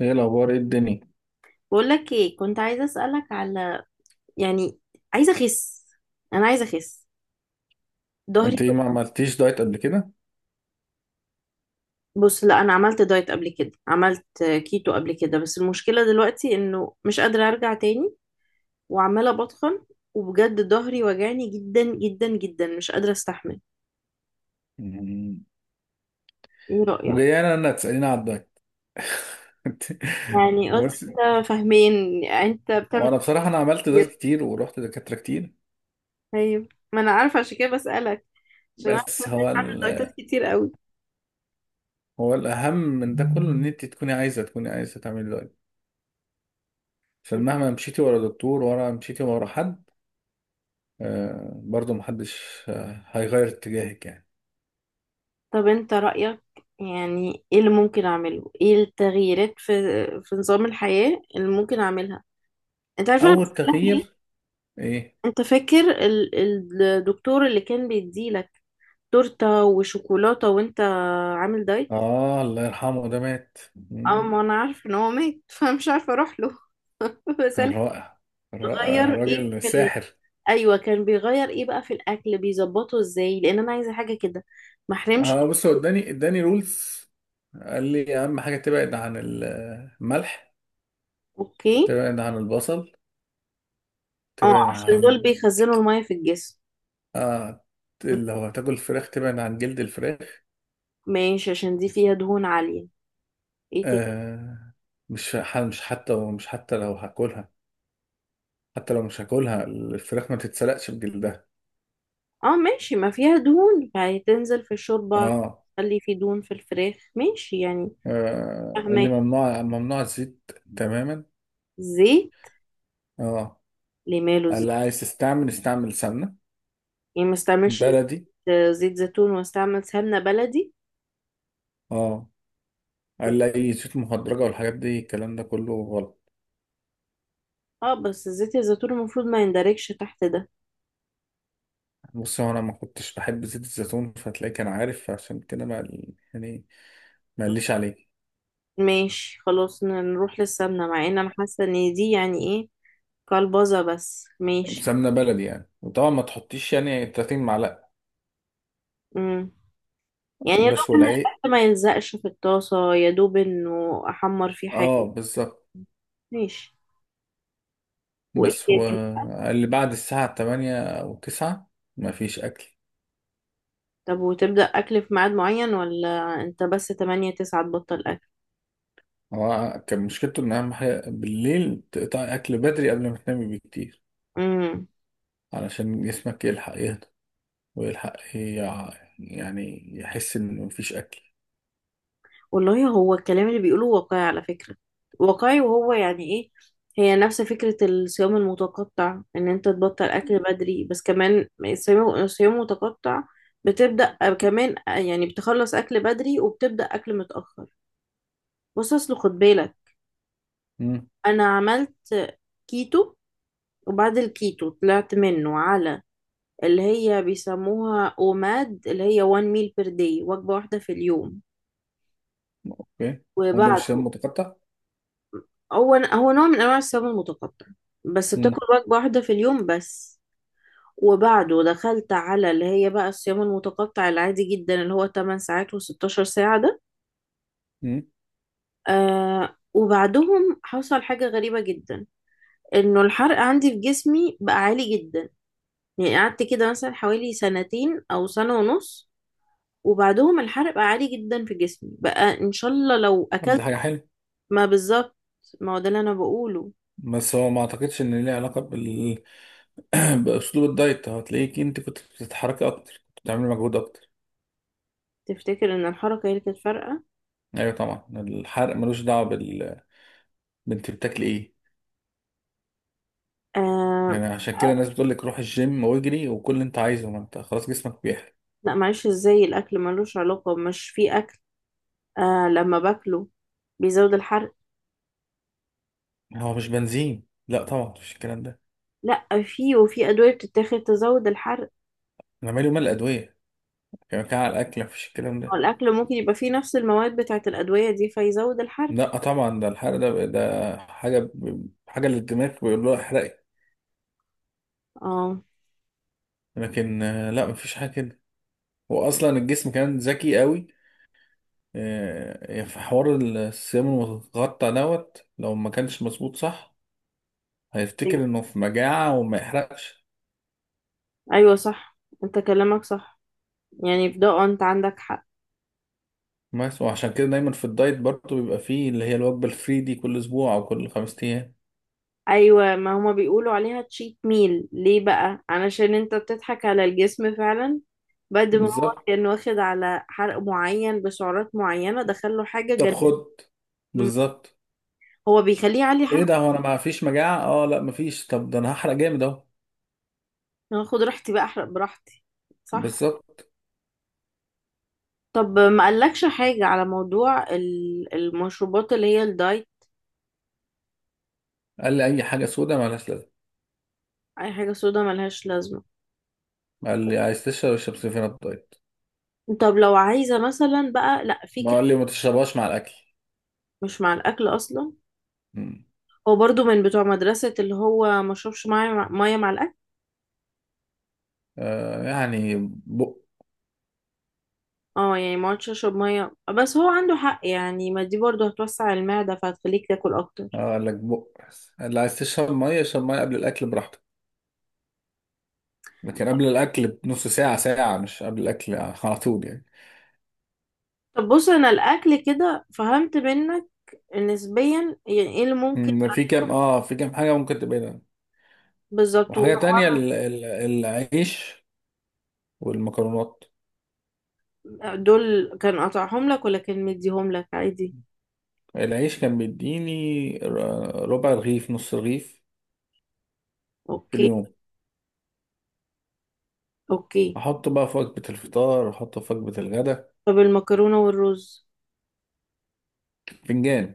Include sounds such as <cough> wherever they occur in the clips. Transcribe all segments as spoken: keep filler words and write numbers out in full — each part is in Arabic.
ايه الاخبار؟ ايه الدنيا؟ بقولك ايه، كنت عايزه اسالك على، يعني، عايزه اخس انا عايزه اخس، ظهري. انت ايه، ما عملتيش دايت قبل كده؟ بص، لا، انا عملت دايت قبل كده، عملت كيتو قبل كده. بس المشكله دلوقتي انه مش قادره ارجع تاني وعماله بتخن. وبجد ظهري وجعني جدا جدا جدا، مش قادره استحمل. مم. ايه رايك؟ وجايه انا انا تساليني على الدايت؟ <laughs> انت- يعني قلت بص، انت فاهمين انت بتعمل. وانا بصراحه انا عملت دايت كتير، كتير ورحت دكاتره كتير. ايوه، ما انا عارفه عشان كده بسالك، عشان عارفه بس ان هو انت ال... عامل دايتات كتير قوي. هو الاهم من ده كله ان انت تكوني عايزه تكوني عايزه تعملي دايت. عشان مهما مشيتي ورا دكتور، ورا مشيتي ورا حد، آه برضو محدش آه هيغير اتجاهك يعني. طب انت رأيك، يعني ايه اللي ممكن اعمله، ايه التغييرات في في نظام الحياة اللي ممكن اعملها؟ انت عارف انا اول بسألك ليه؟ تغيير ايه؟ <laughs> انت فاكر ال- ال- الدكتور اللي كان بيديلك تورتة وشوكولاتة وانت عامل دايت؟ اه الله يرحمه، ده مات. اه، مم. ما انا عارفة ان هو مات. <laughs> فمش عارفة اروح له. <laughs> كان بسألك. رائع، كان رائع، غير ايه راجل في ال... ساحر. ايوه، كان بيغير ايه بقى في الاكل، بيظبطه ازاي، لان انا عايزة حاجة كده ما احرمش. اه بص، هو اداني اداني رولز. قال لي اهم حاجه تبعد عن الملح، اوكي. تبعد عن البصل، اه، تبعد عشان عن... دول بيخزنوا المية في الجسم. آه لو هتاكل فراخ تبعد عن جلد الفراخ. ماشي، عشان دي فيها دهون عالية. ايه تاني؟ آه، مش ح- مش حتى مش حتى لو هاكلها، حتى لو مش هاكلها الفراخ ما تتسلقش بجلدها. اه، ماشي، ما فيها دهون يعني تنزل في الشوربة، اه، تخلي في دهون في الفراخ، ماشي يعني. آه قال لي فاهمة. ممنوع ممنوع الزيت تماما. زيت. اه لماله قال لي زيت؟ عايز تستعمل استعمل سمنه يعني ما استعملش. بلدي. زيت زيت زيتون واستعمل سمنة بلدي. اه قال و- لي اي زيوت مهدرجه والحاجات دي الكلام ده كله غلط. اه، بس زيت الزيتون المفروض ما يندرجش تحت ده. بص هو انا ما كنتش بحب زيت الزيتون، فتلاقيه كان عارف عشان كده ما يعني ما قاليش عليه. ماشي، خلاص ن- نروح للسمنة، مع ان انا حاسة ان دي يعني ايه، كلبظة، بس ماشي. سمنه بلدي يعني، وطبعا ما تحطيش يعني تلاتين معلقه امم. يعني يا دوب بس ان والعيق. الاكل ما يلزقش في الطاسة، يا دوب انه احمر فيه اه حاجة. بالظبط. ماشي. وايه بس هو تاني؟ قال لي بعد الساعه الثامنة او التاسعة ما فيش اكل. طب وتبدأ اكل في ميعاد معين، ولا انت بس تمانية، التاسعة تبطل اكل؟ هو كان مشكلته ان اهم حاجه بالليل تقطع اكل بدري قبل ما تنامي بكتير، امم. علشان جسمك يلحق يهدى ويلحق يع- يعني يحس ان مفيش اكل. والله هو الكلام اللي بيقوله واقعي على فكرة. واقعي، وهو يعني ايه، هي نفس فكرة الصيام المتقطع، ان انت تبطل اكل بدري. بس كمان الصيام الصيام المتقطع بتبدأ كمان، يعني بتخلص اكل بدري وبتبدأ اكل متأخر. بص، اصل خد بالك، امم. انا عملت كيتو. وبعد الكيتو طلعت منه على اللي هي بيسموها اوماد، اللي هي one meal per day، وجبة واحدة في اليوم. اوكي. هو ده وبعد، مش شايف متقطع. هو هو نوع من انواع الصيام المتقطع، بس بتاكل وجبة واحدة في اليوم بس. وبعده دخلت على اللي هي بقى الصيام المتقطع العادي جدا، اللي هو تمن ساعات و16 ساعة ده. امم. آه، وبعدهم حصل حاجة غريبة جدا، انه الحرق عندي في جسمي بقى عالي جدا، يعني قعدت كده مثلا حوالي سنتين او سنة ونص، وبعدهم الحرق بقى عالي جدا في جسمي بقى ان شاء الله لو طب دي اكلت. حاجة حلوة. ما بالظبط، ما هو ده اللي انا بقوله. بس هو ما اعتقدش ان ليه علاقة بال... <clears throat> باسلوب الدايت. هتلاقيك انت كنت بتتحركي اكتر، كنت بتعملي مجهود اكتر. تفتكر ان الحركه هي اللي كانت فارقه؟ ايوه طبعا الحرق ملوش دعوة بال... بنت بتاكلي ايه؟ آه، يعني عشان كده آه، الناس بتقول لك روح الجيم واجري وكل اللي انت عايزه، ما انت خلاص جسمك بيحرق. لا، معلش، ازاي الاكل ملوش علاقه؟ مش في اكل، آه لما باكله بيزود الحرق. هو مش بنزين، لا طبعا مفيش الكلام ده. لا، في وفي ادويه بتتاخد تزود الحرق. انا مالي ومال الادوية، كان كان على الاكل مفيش الكلام هو ده. الاكل ممكن يبقى فيه نفس المواد بتاعه الادويه دي فيزود الحرق. لا طبعا ده الحرق ده ده حاجة ب... حاجة للدماغ بيقول له احرقي. اه. لكن آه، لا مفيش حاجة كده. واصلا الجسم كان ذكي قوي، آه، في حوار الصيام المتقطع دوت، لو ما كانش مظبوط صح هيفتكر ايوه، انه في مجاعة وما يحرقش. ايوه، صح، انت كلامك صح، يعني في ده آه، انت عندك حق. بس وعشان كده دايما في الدايت برضه بيبقى فيه اللي هي الوجبة الفري دي كل اسبوع او كل خمس ايام. ايوه، ما هما بيقولوا عليها تشيت ميل ليه بقى؟ علشان انت بتضحك على الجسم فعلا، بعد ما هو بالظبط. كان واخد على حرق معين بسعرات معينة دخله حاجة طب جنب. خد، بالظبط. هو بيخليه يعلي ايه حرقه. ده، هو انا ما فيش مجاعة، اه لا ما فيش، طب ده انا هحرق جامد اهو. أنا هاخد راحتي بقى احرق براحتي. صح. بالظبط. طب، ما قالكش حاجة على موضوع ال- المشروبات اللي هي الدايت؟ قال لي اي حاجة سودا مالهاش لازمة. اي حاجة سودا ملهاش لازمة. قال لي عايز تشرب اشرب سيفين الدايت، طب لو عايزة مثلا بقى، لا، في ما كلام. قال لي ما تشربهاش مع الاكل. مش مع الاكل اصلا. مم. هو برضو من بتوع مدرسة اللي هو مشربش مية مع مية مع الاكل. آه يعني. اه يعني ما عادش اشرب ميه؟ آه، بس هو عنده حق يعني، ما دي برضه هتوسع المعده فهتخليك تاكل اكتر. اه قال لك بق، اللي عايز تشرب ميه اشرب ميه قبل الاكل براحتك، لكن قبل الاكل بنص ساعه ساعه، مش قبل الاكل على طول يعني. طب بص، انا الاكل كده فهمت منك نسبيا، يعني ايه اللي ممكن. أمم، في كام، اه في كام حاجه ممكن تبعدها. بالظبط، وحاجه تانية وأعمل- ال- ال- العيش والمكرونات. دول كان قطعهم لك ولا كان مديهم لك عادي؟ العيش كان بيديني ر- ربع رغيف، نص رغيف في اوكي. اليوم، اوكي. احطه بقى في وجبه الفطار، احطه في وجبه الغداء. طب المكرونه والرز؟ فنجان.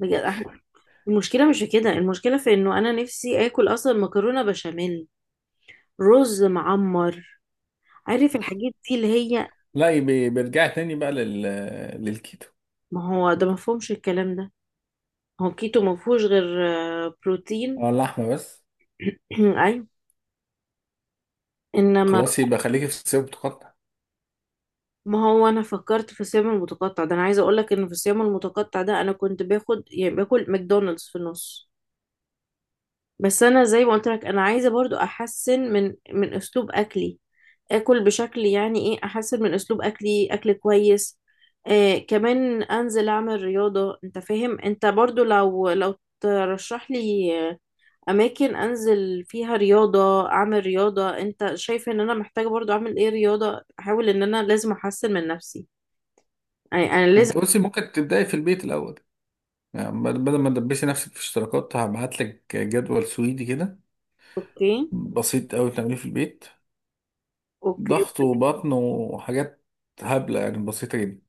بجد احنا، المشكله مش في كده، المشكله في انه انا نفسي اكل اصلا مكرونه بشاميل، رز معمر، عارف الحاجات دي اللي هي. لا يبي- بيرجع تاني بقى لل... للكيتو. ما هو ده مفهومش الكلام ده، هو كيتو ما فيهوش غير آه، بروتين. اه اللحمه بس. <clears throat> ايوه، انما، خلاص يبقى خليكي في السيب. ما هو انا فكرت في الصيام المتقطع ده، انا عايزه اقول لك ان في الصيام المتقطع ده انا كنت باخد يعني باكل ماكدونالدز في النص. بس انا زي ما قلت لك انا عايزه برضو احسن من من اسلوب اكلي، اكل بشكل يعني ايه احسن من اسلوب اكلي، اكل كويس. آه كمان انزل اعمل رياضه، انت فاهم، انت برضو لو لو ترشح لي اماكن انزل فيها رياضة، اعمل رياضة، انت شايف ان انا محتاجة برضو اعمل ايه رياضة، احاول ان انا لازم احسن من نفسي، يعني انا ما لازم. انت بصي ممكن تبداي في البيت الاول. يعني بدل بدل ما تدبسي نفسك في اشتراكات، هبعت لك جدول سويدي كده اوكي، بسيط قوي تعمليه في البيت، اوكي، ضغط قلت. وبطن وحاجات هبله يعني بسيطه جدا.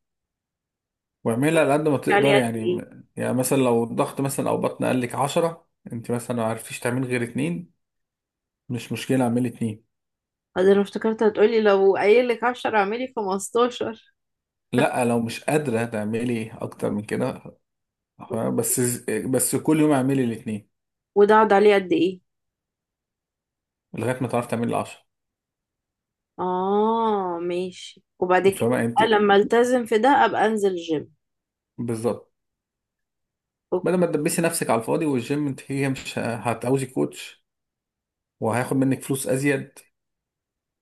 واعملها على قد ما علي تقدري قد يعني. ايه؟ يعني مثلا لو الضغط مثلا او بطن قال لك عشرة، انت مثلا ما عرفتيش تعملي غير اتنين، مش مشكله اعملي اتنين. أه، ده انا افتكرت هتقولي لو قايل لك عشرة اعملي خمستاشر. لا لو مش قادره تعملي اكتر من كده، فاهمة؟ بس، بس كل يوم اعملي الاتنين وده اقعد عليه قد ايه؟ لغايه ما تعرفي تعملي العشرة. اه، ماشي. وبعد كده فاهمه يعني انت؟ بقى لما التزم في ده ابقى انزل جيم. بالظبط. أوك- بدل ما تدبسي نفسك على الفاضي والجيم، انت هي مش هتعوزي كوتش وهياخد منك فلوس ازيد،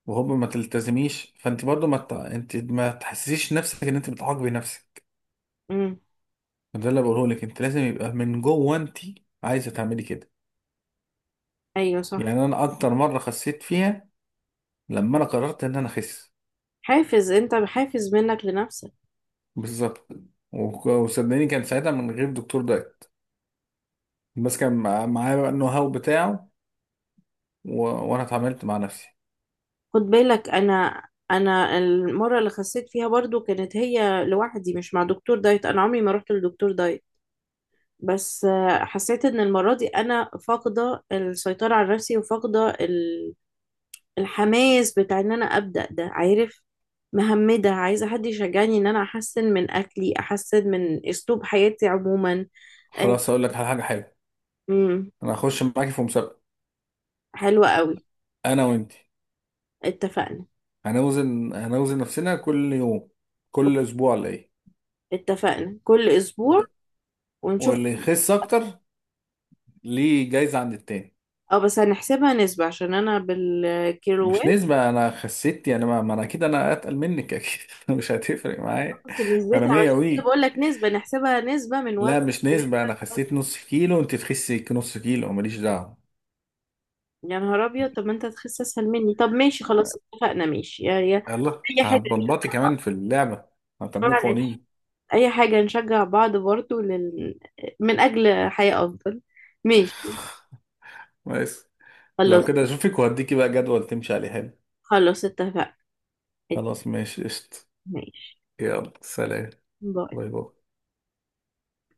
وهوب ما تلتزميش فانت برضو ما ت... انت ما تحسسيش نفسك ان انت بتعاقبي نفسك. أمم، ده اللي بقوله لك. انت لازم يبقى من جوه انت عايزه تعملي كده. ايوه، صح. يعني انا اكتر مره خسيت فيها لما انا قررت ان انا اخس. حافز انت حافز منك لنفسك. بالظبط. وك- وصدقني كان ساعتها من غير دكتور دايت، بس كان مع- معايا بقى النو هاو بتاعه، و... وانا اتعاملت مع نفسي. خد بالك، انا انا المره اللي خسيت فيها برضو كانت هي لوحدي، مش مع دكتور دايت، انا عمري ما رحت لدكتور دايت. بس آه، حسيت ان المره دي انا فاقده السيطره على نفسي وفاقده ال- الحماس بتاع ان انا ابدا ده، عارف. مهمده عايزه حد يشجعني ان انا احسن من اكلي، احسن من اسلوب حياتي عموما. آه، خلاص اقول لك على حاجه حلوه. امم. انا هخش معاكي في مسابقه، حلوه قوي. انا وانت، اتفقنا. هنوزن هنوزن نفسنا كل يوم، كل اسبوع ولا ايه؟ اتفقنا، كل و- اسبوع. ونشوف. واللي يخس اكتر ليه جايزة عند التاني. اه، بس هنحسبها نسبة عشان انا مش بالكيلوات. نسبة، انا خسيت يعني ما, ما انا اكيد انا اتقل منك اكيد، <laughs> مش هتفرق معايا. بس انا نسبتها مية عشان كده وي، بقول لك نسبة، نحسبها نسبة من لا وزن. مش نسبة، بنسبة انا خسيت لوزن. نص كيلو وانت تخسي نص كيلو ماليش دعوة. يا نهار ابيض، طب ما انت هتخس اسهل مني، طب ماشي، خلاص، اتفقنا. ماشي يا يا. يلا اي انت حاجة هتبلبطي نشجع. كمان في اللعبة، هتعملي قوانين. اي حاجة نشجع بعض برضو لل... من اجل حياة افضل. ماشي. بس لو خلاص. كده اشوفك وهديكي بقى جدول تمشي عليه حلو. خلاص اتفقنا. خلاص ماشي قشطة. ماشي. يلا سلام. باي باي. باي.